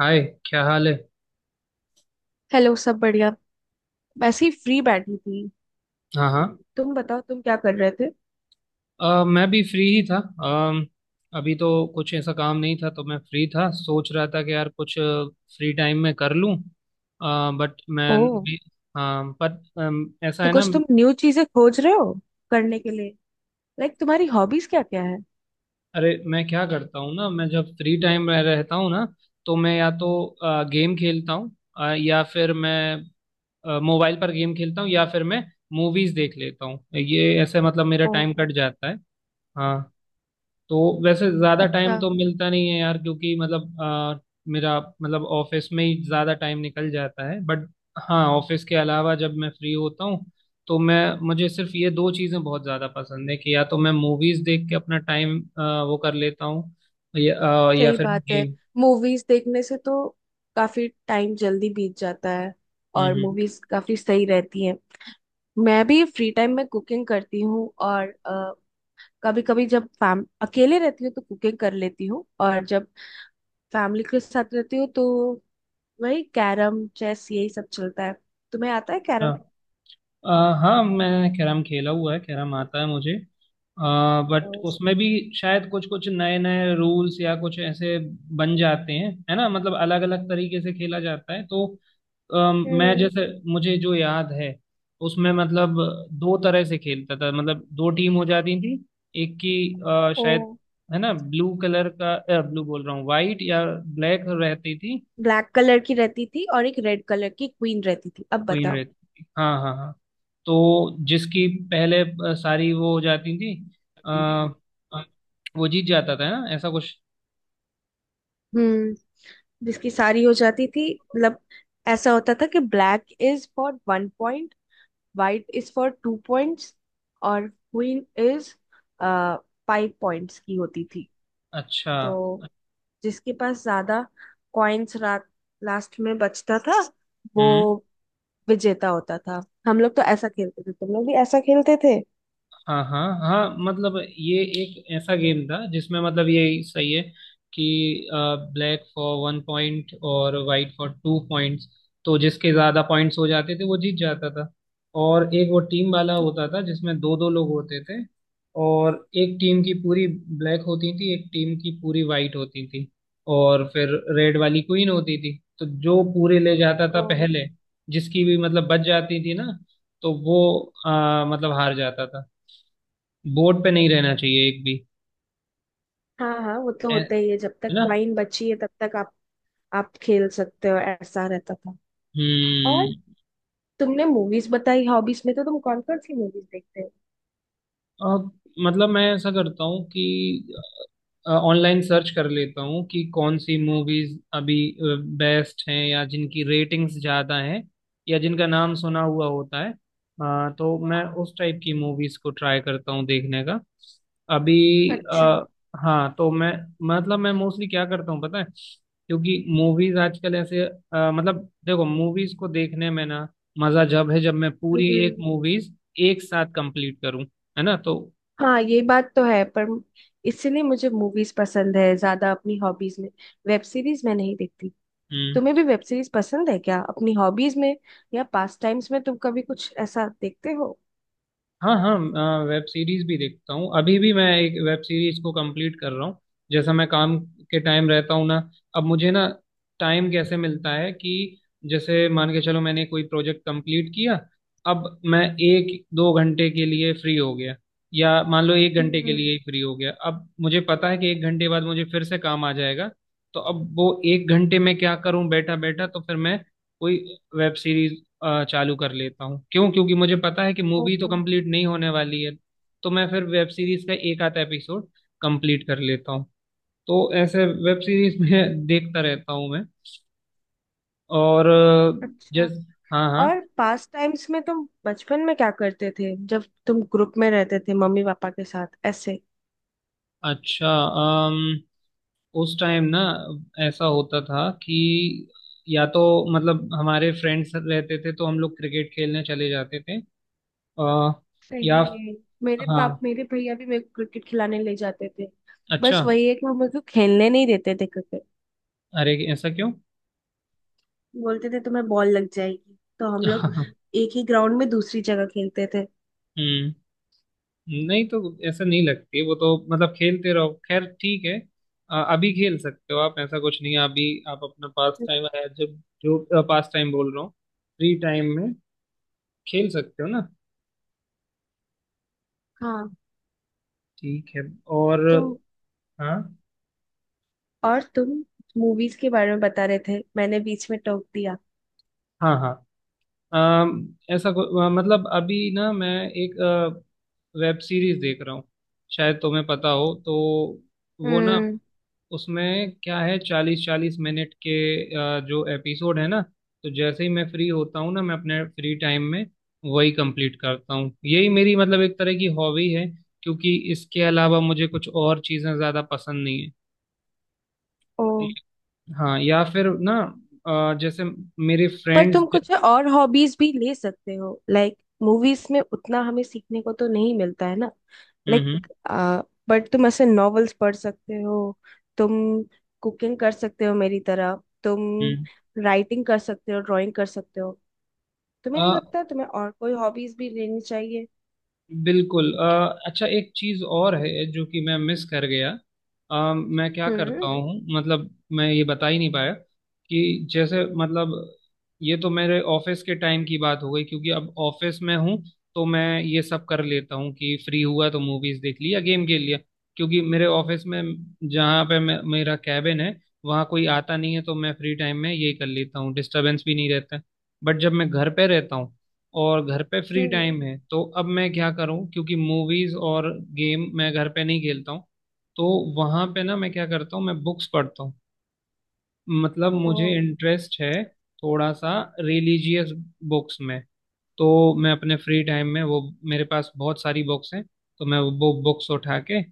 हाय, क्या हाल है। हेलो। सब बढ़िया। वैसे ही फ्री बैठी थी। हाँ, हाँ। तुम बताओ, तुम क्या कर रहे थे? मैं भी फ्री ही था। अम, अभी तो कुछ ऐसा काम नहीं था, तो मैं फ्री था। सोच रहा था कि यार कुछ फ्री टाइम में कर लूं। बट मैं ओह। भी। हाँ, पर ऐसा तो है ना। कुछ तुम न्यू चीजें खोज रहे हो करने के लिए। लाइक, तुम्हारी हॉबीज क्या क्या है? अरे, मैं क्या करता हूँ ना, मैं जब फ्री टाइम में रहता हूँ ना, तो मैं या तो गेम खेलता हूँ। या फिर मैं मोबाइल पर गेम खेलता हूँ या फिर मैं मूवीज देख लेता हूँ। ये ऐसे मतलब मेरा ओह, टाइम कट जाता है। हाँ, तो वैसे ज्यादा टाइम अच्छा। तो मिलता नहीं है यार, क्योंकि मतलब मेरा मतलब ऑफिस में ही ज्यादा टाइम निकल जाता है। बट। हाँ, ऑफिस के अलावा जब मैं फ्री होता हूँ तो मैं मुझे सिर्फ ये दो चीजें बहुत ज्यादा पसंद है कि या तो मैं मूवीज देख के अपना टाइम वो कर लेता हूँ, या या सही फिर बात है। गेम। मूवीज देखने से तो काफी टाइम जल्दी बीत जाता है, हम्म, और हम्म। मूवीज काफी सही रहती हैं। मैं भी फ्री टाइम में कुकिंग करती हूँ, और कभी कभी जब फैम अकेले रहती हूँ तो कुकिंग कर लेती हूँ, और जब फैमिली के साथ रहती हूँ तो वही कैरम चेस यही सब चलता है। तुम्हें आता है कैरम? हाँ। अ, हाँ, मैंने कैरम खेला हुआ है। कैरम आता है मुझे, बट उसमें भी शायद कुछ कुछ नए नए रूल्स या कुछ ऐसे बन जाते हैं, है ना। मतलब अलग अलग तरीके से खेला जाता है तो मैं हम्म। जैसे, मुझे जो याद है उसमें, मतलब दो तरह से खेलता था। मतलब दो टीम हो जाती थी, एक की ओ। शायद, है ना, ब्लू कलर का। ब्लू बोल रहा हूँ, वाइट या ब्लैक रहती थी। ब्लैक कलर की रहती थी और एक रेड कलर की क्वीन रहती थी। अब क्वीन बताओ। रहती थी, हाँ, हाँ, हाँ। तो जिसकी पहले सारी वो हो जाती थी, आ, वो जीत जाता था ना, ऐसा कुछ। हम्म। जिसकी सारी हो जाती थी, मतलब ऐसा होता था कि black is for 1 point, white is for 2 points, और क्वीन इज 5 पॉइंट्स की होती थी। अच्छा। तो जिसके पास ज्यादा कॉइन्स रात लास्ट में बचता था, वो हम्म। विजेता होता था। हम लोग तो ऐसा खेलते थे, तुम लोग भी ऐसा खेलते थे? हाँ, हाँ, हाँ। मतलब ये एक ऐसा गेम था जिसमें मतलब ये सही है कि ब्लैक फॉर 1 पॉइंट और वाइट फॉर 2 पॉइंट्स। तो जिसके ज़्यादा पॉइंट्स हो जाते थे वो जीत जाता था। और एक वो टीम वाला होता था जिसमें दो दो लोग होते थे, और एक टीम की पूरी ब्लैक होती थी, एक टीम की पूरी वाइट होती थी, और फिर रेड वाली क्वीन होती थी। तो जो पूरे ले जाता था ओ, पहले, जिसकी भी मतलब बच जाती थी ना, तो वो मतलब हार जाता था। बोर्ड पे नहीं रहना चाहिए एक भी। हाँ हाँ, वो तो है होता ही है है। जब तक ना। कॉइन बची है तब तक आप खेल सकते हो, ऐसा रहता था। और हम्म। तुमने मूवीज बताई हॉबीज में, तो तुम कौन कौन सी मूवीज देखते हो? अब मतलब मैं ऐसा करता हूँ कि ऑनलाइन सर्च कर लेता हूँ कि कौन सी मूवीज अभी बेस्ट हैं या जिनकी रेटिंग्स ज़्यादा हैं या जिनका नाम सुना हुआ होता है। तो मैं उस टाइप की मूवीज को ट्राई करता हूँ देखने का। अभी अच्छा। अ, हाँ, तो मैं मतलब मैं मोस्टली क्या करता हूँ पता है, क्योंकि मूवीज आजकल ऐसे, मतलब देखो, मूवीज को देखने में ना, मज़ा जब है जब मैं पूरी एक हम्म। मूवीज एक साथ कंप्लीट करूँ, है ना, तो। हाँ, ये बात तो है, पर इसीलिए मुझे मूवीज पसंद है ज्यादा अपनी हॉबीज में। वेब सीरीज मैं नहीं देखती। तुम्हें हम्म। भी वेब सीरीज पसंद है क्या अपनी हॉबीज में, या पास टाइम्स में तुम कभी कुछ ऐसा देखते हो? हाँ, हाँ। वेब सीरीज भी देखता हूँ, अभी भी मैं एक वेब सीरीज को कंप्लीट कर रहा हूँ। जैसा मैं काम के टाइम रहता हूँ ना, अब मुझे ना टाइम कैसे मिलता है कि जैसे मान के चलो मैंने कोई प्रोजेक्ट कंप्लीट किया, अब मैं एक दो घंटे के लिए फ्री हो गया। या मान लो 1 घंटे के हम्म। लिए ही फ्री हो गया, अब मुझे पता है कि 1 घंटे बाद मुझे फिर से काम आ जाएगा। तो अब वो 1 घंटे में क्या करूं बैठा बैठा, तो फिर मैं कोई वेब सीरीज चालू कर लेता हूँ। क्यों? क्योंकि मुझे पता है कि ओ, मूवी तो कंप्लीट नहीं होने वाली है। तो मैं फिर वेब सीरीज का एक आधा एपिसोड कंप्लीट कर लेता हूँ। तो ऐसे वेब सीरीज में देखता रहता हूँ मैं। और अच्छा। जस हाँ, हाँ। और पास टाइम्स में तुम बचपन में क्या करते थे जब तुम ग्रुप में रहते थे मम्मी पापा के साथ ऐसे? अच्छा। अम, उस टाइम ना, ऐसा होता था कि या तो मतलब हमारे फ्रेंड्स रहते थे तो हम लोग क्रिकेट खेलने चले जाते थे। अ, सही या। में? हाँ, मेरे भैया भी मेरे को क्रिकेट खिलाने ले जाते थे। अच्छा। बस वही है कि वो मेरे को खेलने नहीं देते थे क्रिकेट। अरे, ऐसा क्यों? बोलते थे तुम्हें बॉल लग जाएगी, तो हम लोग हम्म। एक ही ग्राउंड में दूसरी जगह खेलते थे। नहीं, तो ऐसा नहीं लगती वो तो, मतलब खेलते रहो, खैर ठीक है। अभी खेल सकते हो आप, ऐसा कुछ नहीं है। अभी आप अपना पास टाइम है, जब जो पास टाइम बोल रहा हूँ फ्री टाइम में, खेल सकते हो ना। हाँ। ठीक है। और। तुम हाँ, और तुम मूवीज के बारे में बता रहे थे, मैंने बीच में टोक दिया। हाँ, हाँ। मतलब अभी ना मैं एक वेब सीरीज देख रहा हूँ, शायद तुम्हें पता हो तो। वो ना, हम्म। उसमें क्या है, 40-40 मिनट के जो एपिसोड है ना। तो जैसे ही मैं फ्री होता हूँ ना, मैं अपने फ्री टाइम में वही कंप्लीट करता हूँ। यही मेरी मतलब एक तरह की हॉबी है, क्योंकि इसके अलावा मुझे कुछ और चीज़ें ज़्यादा पसंद नहीं है। ओ। हाँ, या फिर ना जैसे मेरे पर फ्रेंड्स। तुम कुछ और हॉबीज भी ले सकते हो। लाइक, मूवीज में उतना हमें सीखने को तो नहीं मिलता है ना। हम्म, लाइक, बट तुम ऐसे नॉवेल्स पढ़ सकते हो, तुम कुकिंग कर सकते हो मेरी तरह, तुम हम्म, राइटिंग कर सकते हो, ड्राइंग कर सकते हो। तुम्हें नहीं हम्म। लगता तुम्हें और कोई हॉबीज भी लेनी चाहिए? बिल्कुल। अच्छा, एक चीज और है जो कि मैं मिस कर गया। मैं क्या करता हम्म। हूँ मतलब, मैं ये बता ही नहीं पाया कि जैसे मतलब, ये तो मेरे ऑफिस के टाइम की बात हो गई क्योंकि अब ऑफिस में हूँ, तो मैं ये सब कर लेता हूँ कि फ्री हुआ तो मूवीज देख ली या गेम खेल लिया। क्योंकि मेरे ऑफिस में जहाँ पे मेरा कैबिन है, वहाँ कोई आता नहीं है, तो मैं फ्री टाइम में ये कर लेता हूँ, डिस्टरबेंस भी नहीं रहता। बट जब मैं घर पे रहता हूँ और घर पे फ्री हम्म। टाइम है, तो अब मैं क्या करूं? क्योंकि मूवीज और गेम मैं घर पे नहीं खेलता हूं। तो वहां पे ना, मैं क्या करता हूँ, मैं बुक्स पढ़ता हूँ। मतलब ओ, मुझे इंटरेस्ट है थोड़ा सा रिलीजियस बुक्स में। तो मैं अपने फ्री टाइम में वो, मेरे पास बहुत सारी बुक्स हैं, तो मैं वो बुक्स उठा के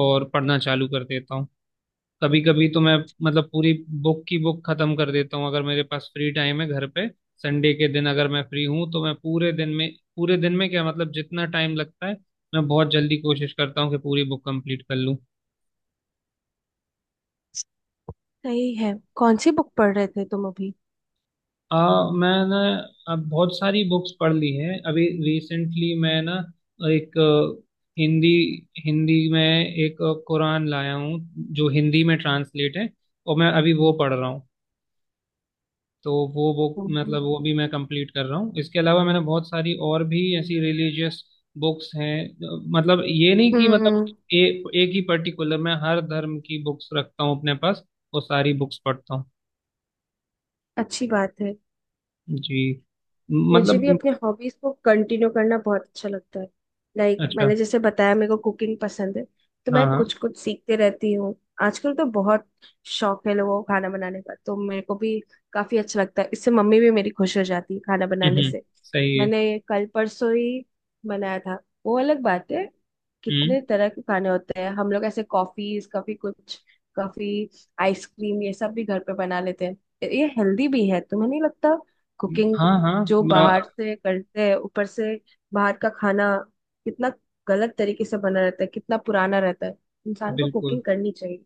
और पढ़ना चालू कर देता हूँ। कभी कभी तो मैं मतलब पूरी बुक की बुक खत्म कर देता हूँ, अगर मेरे पास फ्री टाइम है घर पे। संडे के दिन अगर मैं फ्री हूँ तो मैं पूरे दिन में, पूरे दिन में क्या मतलब जितना टाइम लगता है, मैं बहुत जल्दी कोशिश करता हूँ कि पूरी बुक कंप्लीट कर लूँ। सही है। कौन सी बुक पढ़ रहे थे तुम अभी? आ मैंने अब बहुत सारी बुक्स पढ़ ली हैं। अभी रिसेंटली मैं ना एक हिंदी हिंदी में एक कुरान लाया हूँ, जो हिंदी में ट्रांसलेट है और मैं अभी वो पढ़ रहा हूँ। तो वो बुक हम्म। मतलब वो भी मैं कंप्लीट कर रहा हूँ। इसके अलावा मैंने बहुत सारी और भी ऐसी रिलीजियस बुक्स हैं। मतलब ये नहीं कि मतलब हम्म। ए, एक ही पर्टिकुलर, मैं हर धर्म की बुक्स रखता हूँ अपने पास, वो सारी बुक्स पढ़ता हूँ। अच्छी बात है। जी। मुझे मतलब भी अपने हॉबीज को कंटिन्यू करना बहुत अच्छा लगता है। लाइक, अच्छा। मैंने जैसे बताया, मेरे को कुकिंग पसंद है। तो हाँ, मैं हाँ। कुछ कुछ सीखते रहती हूँ। आजकल तो बहुत शौक है लोगों को खाना बनाने का, तो मेरे को भी काफी अच्छा लगता है। इससे मम्मी भी मेरी खुश हो जाती है खाना बनाने हम्म, से। सही है। मैंने कल परसों ही बनाया था, वो अलग बात है। हम्म। कितने तरह के खाने होते हैं, हम लोग ऐसे कॉफीज कभी कुछ, कभी आइसक्रीम ये सब भी घर पे बना लेते हैं। ये हेल्दी भी है। तुम्हें नहीं लगता कुकिंग हाँ, हाँ। जो बाहर अ, से करते हैं, ऊपर से बाहर का खाना कितना गलत तरीके से बना रहता है, कितना पुराना रहता है? इंसान को बिल्कुल। कुकिंग करनी चाहिए।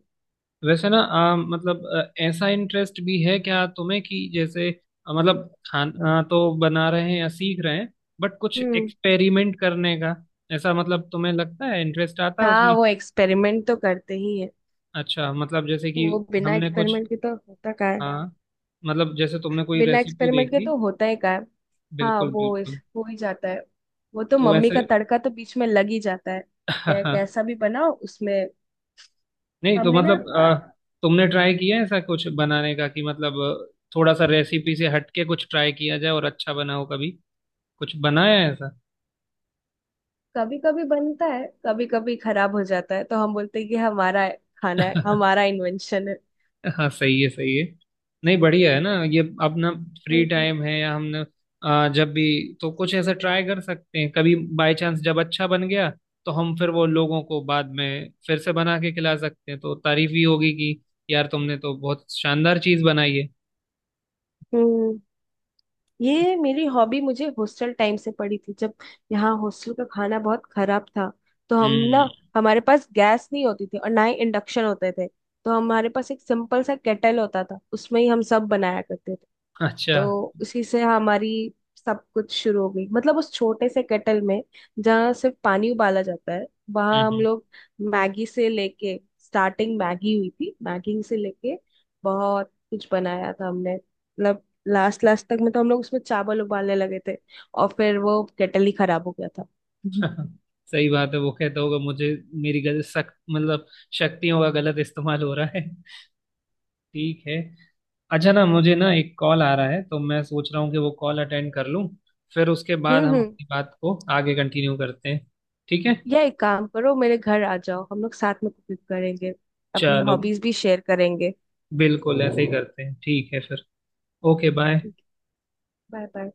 वैसे ना मतलब ऐसा इंटरेस्ट भी है क्या तुम्हें कि जैसे मतलब खाना तो बना रहे हैं या सीख रहे हैं, बट कुछ हम्म। एक्सपेरिमेंट करने का ऐसा मतलब तुम्हें लगता है इंटरेस्ट आता है हाँ, उसमें? वो एक्सपेरिमेंट तो करते ही है। अच्छा, मतलब जैसे कि वो बिना हमने कुछ, एक्सपेरिमेंट के तो होता क्या है? हाँ, मतलब जैसे तुमने कोई बिना रेसिपी एक्सपेरिमेंट के देखी। तो होता ही क्या है? हाँ, बिल्कुल, वो इस बिल्कुल। हो ही जाता है। वो तो तो मम्मी का वैसे तड़का तो बीच में लग ही जाता है। कैसा भी बनाओ उसमें। नहीं तो हमने ना मतलब तुमने ट्राई किया है ऐसा कुछ बनाने का कि मतलब थोड़ा सा रेसिपी से हटके कुछ ट्राई किया जाए और अच्छा बनाओ, कभी कुछ बनाया है? कभी कभी बनता है, कभी कभी खराब हो जाता है, तो हम बोलते हैं कि हमारा खाना है, ऐसा। हमारा इन्वेंशन है। हाँ, सही है, सही है। नहीं, बढ़िया है ना, ये अपना फ्री हम्म। टाइम है या हमने जब भी तो कुछ ऐसा ट्राई कर सकते हैं। कभी बाय चांस जब अच्छा बन गया, तो हम फिर वो लोगों को बाद में फिर से बना के खिला सकते हैं, तो तारीफ भी होगी कि यार तुमने तो बहुत शानदार चीज बनाई है। हम्म। ये मेरी हॉबी मुझे हॉस्टल टाइम से पड़ी थी, जब यहाँ हॉस्टल का खाना बहुत खराब था। तो हम ना हम्म, हमारे पास गैस नहीं होती थी और ना ही इंडक्शन होते थे। तो हमारे पास एक सिंपल सा केटल होता था, उसमें ही हम सब बनाया करते थे। अच्छा। तो उसी से हमारी सब कुछ शुरू हो गई, मतलब उस छोटे से केटल में जहाँ सिर्फ पानी उबाला जाता है, वहां हम हम्म, लोग मैगी से लेके स्टार्टिंग मैगी हुई थी। मैगी से लेके बहुत कुछ बनाया था हमने, मतलब लास्ट लास्ट तक में तो हम लोग उसमें चावल उबालने लगे थे। और फिर वो केटल ही खराब हो गया था। हम्म। हम्म। सही बात है, वो कहता होगा मुझे, मेरी गलत सक मतलब शक्तियों का गलत इस्तेमाल हो रहा है। ठीक है। अच्छा, ना मुझे ना एक कॉल आ रहा है तो मैं सोच रहा हूँ कि वो कॉल अटेंड कर लूँ, फिर उसके बाद हम्म। हम हम्म। अपनी बात को आगे कंटिन्यू करते हैं। ठीक है, या एक काम करो, मेरे घर आ जाओ, हम लोग साथ में कुकिंग करेंगे, अपनी चलो। हॉबीज भी शेयर करेंगे। बिल्कुल, ऐसे ही करते हैं, ठीक है फिर। Okay, bye. ठीक है। Bye bye.